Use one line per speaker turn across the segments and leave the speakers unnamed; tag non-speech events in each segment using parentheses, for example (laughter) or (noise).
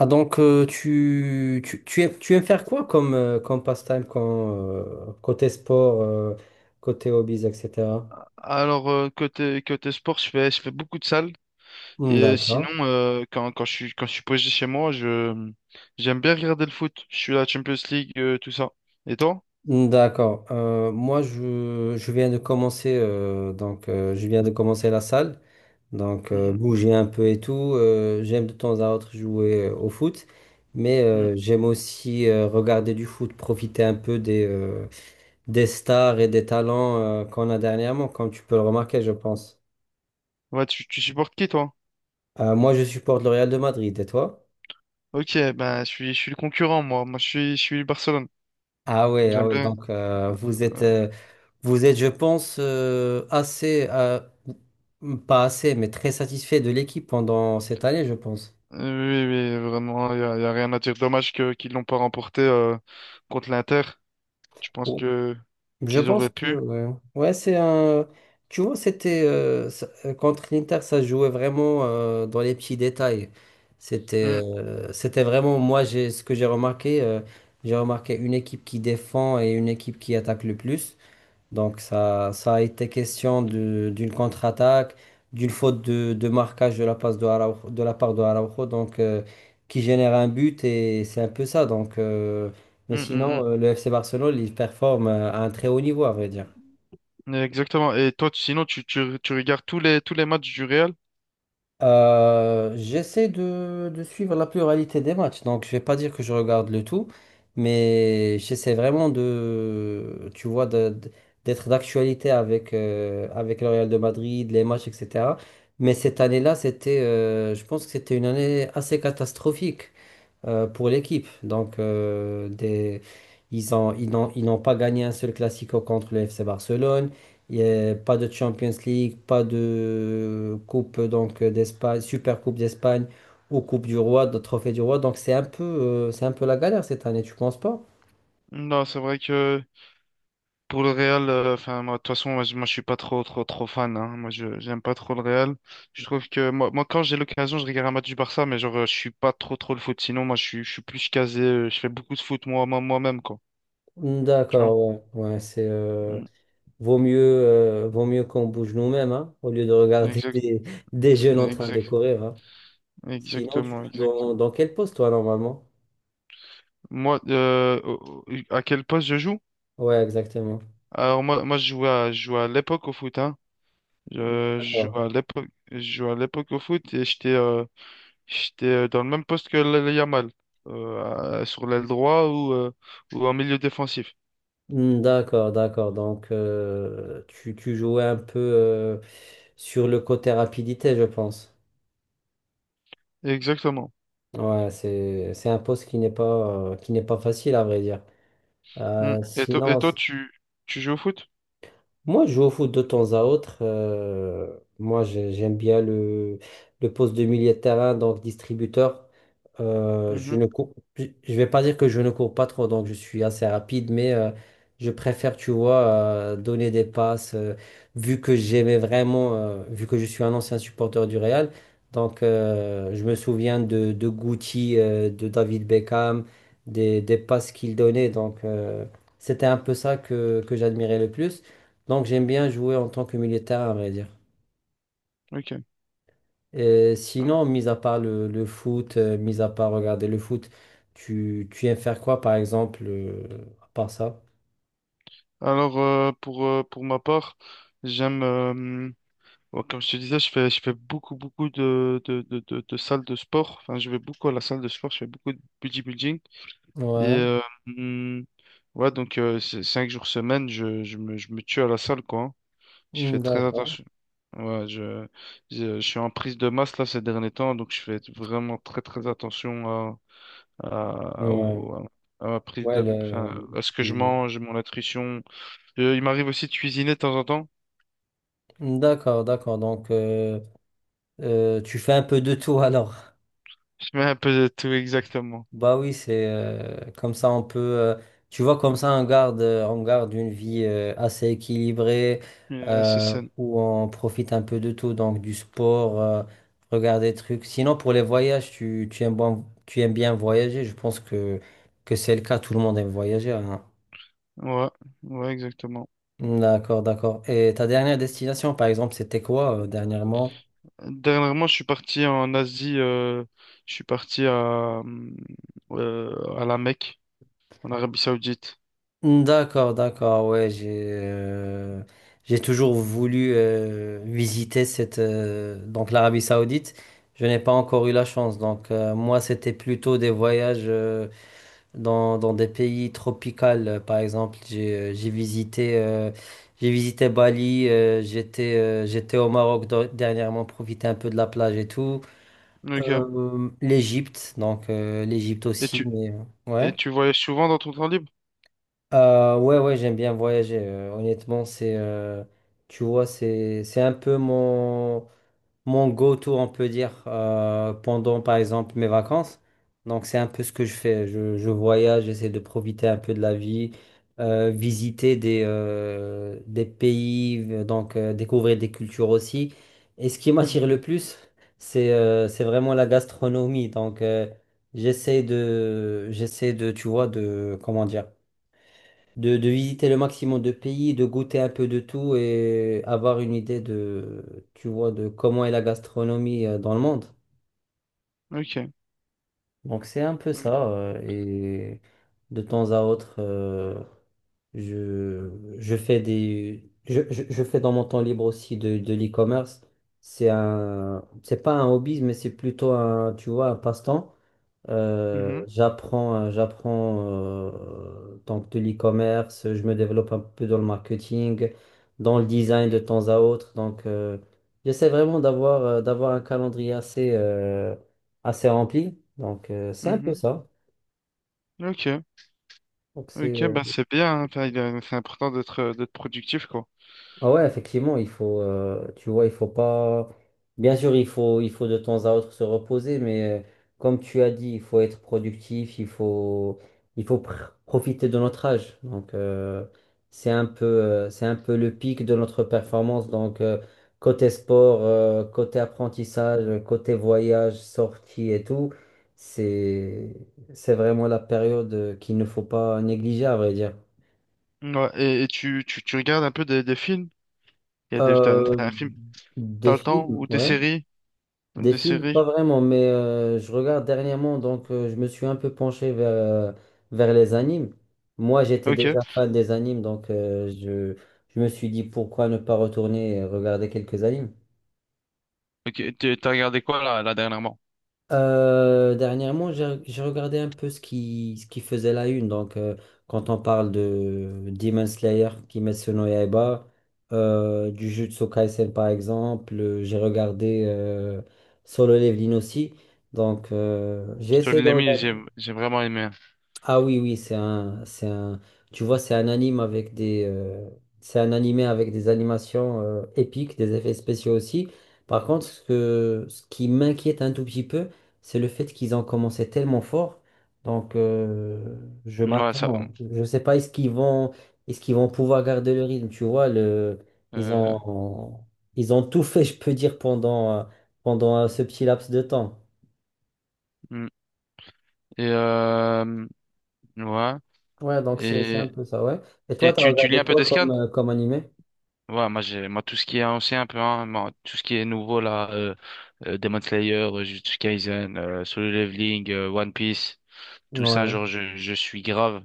Tu aimes faire quoi comme, comme passe-temps quand, côté sport, côté hobbies, etc.
Côté sport, je fais beaucoup de salles et
Hmm,
sinon
d'accord.
quand je suis posé chez moi, je j'aime bien regarder le foot. Je suis la Champions League, tout ça. Et toi?
Hmm, d'accord. Moi, je viens de commencer je viens de commencer la salle.
Mhm.
Bouger un peu et tout. J'aime de temps à autre jouer au foot. Mais
Mhm.
j'aime aussi regarder du foot, profiter un peu des stars et des talents qu'on a dernièrement, comme tu peux le remarquer, je pense.
Ouais, tu supportes qui toi?
Moi, je supporte le Real de Madrid, et toi?
OK, ben je suis le concurrent moi. Moi je suis Barcelone.
Ah ouais, ah
J'aime
ouais,
bien. Euh,
vous êtes, je pense, assez, pas assez, mais très satisfait de l'équipe pendant cette année, je pense.
Oui, oui, oui, vraiment, y a rien à dire. Dommage que qu'ils l'ont pas remporté contre l'Inter. Je pense
Oui.
que
Je
qu'ils auraient
pense que,
pu.
ouais, ouais, c'est un, tu vois, contre l'Inter, ça se jouait vraiment dans les petits détails. C'était,
Mm,
c'était vraiment, moi, ce que j'ai remarqué une équipe qui défend et une équipe qui attaque le plus. Donc ça a été question d'une contre-attaque, d'une faute de marquage de la passe de de la part de Araujo, qui génère un but et c'est un peu ça. Donc, euh, mais
mm, mm, mm.
sinon, euh, le FC Barcelone, il performe à un très haut niveau, à vrai dire.
Exactement. Et toi, tu regardes tous les matchs du Real?
J'essaie de suivre la pluralité des matchs, donc je vais pas dire que je regarde le tout, mais j'essaie vraiment de, tu vois, d'être d'actualité avec, avec le Real de Madrid, les matchs, etc. Mais cette année-là, c'était, je pense que c'était une année assez catastrophique pour l'équipe. Donc, ils n'ont pas gagné un seul Classico contre le FC Barcelone. Il y a pas de Champions League, pas de Coupe donc d'Espagne, Super Coupe d'Espagne ou Coupe du Roi, de Trophée du Roi. Donc, c'est un peu la galère cette année, tu penses pas?
Non, c'est vrai que pour le Real, enfin, moi, de toute façon, moi, je suis pas trop, trop, trop fan, hein. Moi, j'aime pas trop le Real. Je trouve que moi quand j'ai l'occasion, je regarde un match du Barça, mais genre, je suis pas trop, trop le foot. Sinon, moi, je suis plus casé. Je fais beaucoup de foot moi, moi-même, quoi. Tu vois?
D'accord, ouais, ouais, c'est
Mm.
vaut mieux qu'on bouge nous-mêmes hein, au lieu de regarder (laughs)
Exact,
des jeunes en train de
exact,
courir. Hein. Sinon, tu
exactement,
joues dans,
exactement.
dans quel poste toi normalement?
Moi, à quel poste je joue?
Ouais, exactement.
Alors moi, je jouais à l'époque au foot, hein.
D'accord,
Je jouais à l'époque au foot et j'étais j'étais dans le même poste que le Yamal, sur l'aile droit ou en milieu défensif.
hmm, d'accord. D'accord. Donc, tu, tu jouais un peu sur le côté rapidité, je pense.
Exactement.
Ouais, c'est un poste qui n'est pas facile, à vrai dire.
Mm.
Euh,
Et, et
sinon,
toi, tu joues au foot?
Moi, je joue au foot de temps à autre. Moi, j'aime bien le poste de milieu de terrain, donc distributeur. Je
Mhm.
ne cours, Je vais pas dire que je ne cours pas trop, donc je suis assez rapide, mais je préfère, tu vois, donner des passes. Vu que je suis un ancien supporter du Real, je me souviens de Guti, de David Beckham, des passes qu'il donnait. C'était un peu ça que j'admirais le plus. Donc j'aime bien jouer en tant que militaire, à vrai dire.
Ok.
Et sinon, mis à part le foot, mis à part regarder le foot, tu aimes faire quoi, par exemple, à part ça?
Alors, pour ma part, j'aime, bon, comme je te disais, je fais beaucoup, de salles de sport. Enfin, je vais beaucoup à la salle de sport, je fais beaucoup de bodybuilding. Et
Ouais,
hum, ouais, donc cinq jours semaine, je me tue à la salle, quoi, hein. Je fais
hmm,
très
d'accord.
attention. Ouais, je suis en prise de masse là ces derniers temps, donc je fais vraiment très très attention à, à, à-
Ouais,
au- à ma prise
ouais,
de, enfin, à ce que je mange, mon nutrition. Il m'arrive aussi de cuisiner de temps en temps.
d'accord, d'accord. Donc, tu fais un peu de tout alors.
(laughs) Je mets un peu de tout exactement.
Bah oui, c'est comme ça on peut, tu vois, comme ça on garde une vie assez équilibrée
C'est sain.
où on profite un peu de tout, donc du sport, regarder des trucs. Sinon pour les voyages, tu aimes, tu aimes bien voyager, je pense que c'est le cas, tout le monde aime voyager. Hein.
Ouais, ouais, exactement.
D'accord, d'accord. Et ta dernière destination, par exemple, c'était quoi dernièrement?
Dernièrement, je suis parti en Asie, je suis parti à la Mecque, en Arabie Saoudite.
D'accord, d'accord, ouais, j'ai toujours voulu visiter cette donc l'Arabie Saoudite. Je n'ai pas encore eu la chance. Donc, moi, c'était plutôt des voyages dans, dans des pays tropicaux. Par exemple, j'ai visité Bali. J'étais au Maroc dernièrement, profiter un peu de la plage et tout.
Ok.
L'Égypte, l'Égypte
Et
aussi,
tu,
mais ouais.
et tu voyages souvent dans ton temps libre?
Ouais, ouais, j'aime bien voyager. Honnêtement, c'est, tu vois, c'est un peu mon, mon go-to, on peut dire, pendant, par exemple, mes vacances. Donc, c'est un peu ce que je fais. Je voyage, j'essaie de profiter un peu de la vie, visiter des pays, découvrir des cultures aussi. Et ce qui
Mhm.
m'attire le plus, c'est vraiment la gastronomie. Donc, tu vois, de, comment dire de visiter le maximum de pays, de goûter un peu de tout et avoir une idée de, tu vois, de comment est la gastronomie dans le monde.
Ok.
Donc c'est un peu ça. Et de temps à autre, je, je fais des, je fais dans mon temps libre aussi de l'e-commerce. C'est pas un hobby, mais c'est plutôt un, tu vois, un passe-temps.
Mhm.
J'apprends donc de l'e-commerce, je me développe un peu dans le marketing, dans le design de temps à autre. Donc, j'essaie vraiment d'avoir d'avoir un calendrier assez assez rempli. Donc, c'est un peu
Mhm.
ça.
Ok.
Donc, c'est
Ok, bah c'est bien, hein. Enfin, c'est important d'être d'être productif, quoi.
ah ouais, effectivement, il faut, tu vois, il faut pas. Bien sûr, il faut de temps à autre se reposer, mais comme tu as dit, il faut être productif, il faut, il profiter de notre âge. Donc, c'est un peu le pic de notre performance. Donc, côté sport, côté apprentissage, côté voyage, sortie et tout, c'est, c'est vraiment la période qu'il ne faut pas négliger, à vrai dire.
Ouais. Et, tu regardes un peu des films? Il y a des, t'as,
Euh,
t'as un film,
des
t'as le temps,
films,
ou des
ouais.
séries?
Des
Des
films, pas
séries.
vraiment, mais je regarde dernièrement, je me suis un peu penché vers, vers les animes. Moi, j'étais
Ok.
déjà fan des animes, je me suis dit pourquoi ne pas retourner et regarder quelques animes.
Ok, t'as regardé quoi là dernièrement?
Dernièrement, j'ai regardé un peu ce qui faisait la une, quand on parle de Demon Slayer, Kimetsu no Yaiba, du Jujutsu Kaisen par exemple, j'ai regardé Solo Leveling aussi. Donc, j'ai
Sur
essayé de
l'ami,
regarder.
j'ai vraiment aimé.
Ah oui, oui, tu vois, c'est un animé avec des animations épiques, des effets spéciaux aussi. Par contre, ce que, ce qui m'inquiète un tout petit peu, c'est le fait qu'ils ont commencé tellement fort. Donc, je
Ouais, ça.
m'attends, je sais pas, est-ce qu'ils vont pouvoir garder le rythme, tu vois, le, ils
euh,
ont, ils ont tout fait, je peux dire, pendant, ce petit laps de temps.
Mm. Et euh, ouais.
Ouais, donc c'est un
Et,
peu ça, ouais. Et toi, t'as
tu lis
regardé
un peu
quoi
des
comme,
scans.
comme animé?
Ouais, moi tout ce qui est ancien un peu hein, moi, tout ce qui est nouveau là Demon Slayer, Jujutsu Kaisen, Solo Leveling, One Piece, tout ça
Ouais,
genre je suis grave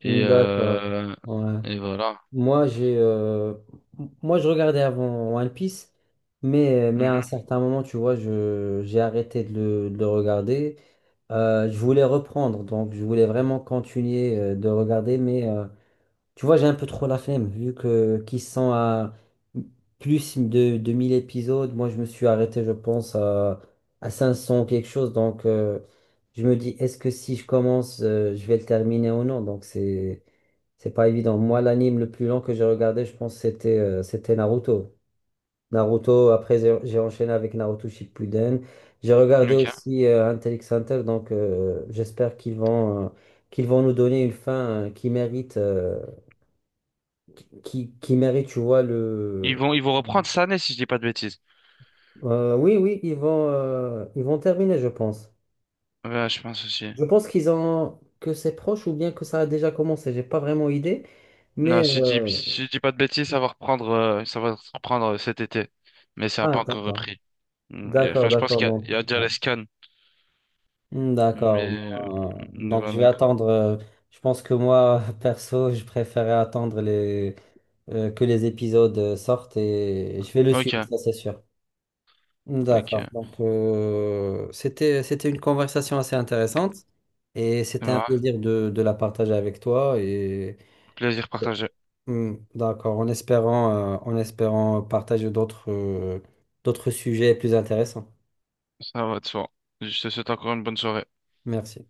et
hmm, d'accord.
euh,
Ouais.
et voilà.
Moi, j'ai, euh, Moi, je regardais avant One Piece, mais à un
Mhm.
certain moment, tu vois, je, j'ai arrêté de le regarder. Je voulais reprendre, donc je voulais vraiment continuer de regarder, mais tu vois, j'ai un peu trop la flemme, vu que qu'ils sont à plus de 1000 épisodes. Moi, je me suis arrêté, je pense, à 500 ou quelque chose, je me dis, est-ce que si je commence, je vais le terminer ou non? Donc, c'est. C'est pas évident. Moi, l'anime le plus long que j'ai regardé, je pense, c'était Naruto. Naruto, après, j'ai enchaîné avec Naruto Shippuden. J'ai regardé
Ok.
aussi Hunter x Hunter, j'espère qu'ils vont nous donner une fin qui, qui mérite, tu vois,
Ils vont reprendre cette année si je dis pas de bêtises.
oui, oui, ils vont terminer, je pense.
Ouais, je pense aussi.
Je pense qu'ils ont que c'est proche ou bien que ça a déjà commencé. J'ai pas vraiment idée,
Non,
mais
si je dis pas de bêtises, ça va reprendre cet été. Mais ça n'a
ah,
pas encore
d'accord,
repris. Mm,
d'accord,
enfin, je pense
d'accord. Donc,
il y a déjà
ouais.
les scans.
Hmm, d'accord.
Mais,
Donc,
ouais,
je vais
d'accord.
attendre. Je pense que moi, (laughs) perso, je préférais attendre les, que les épisodes sortent et je vais le
Ok,
suivre, ça c'est sûr. Hmm, d'accord.
ok.
C'était une conversation assez intéressante et c'était un
Ouais,
plaisir de la partager avec toi. Et
plaisir partagé.
hmm, d'accord, en espérant partager d'autres, d'autres sujets plus intéressants.
Ça va de soi. Je te souhaite encore une bonne soirée.
Merci.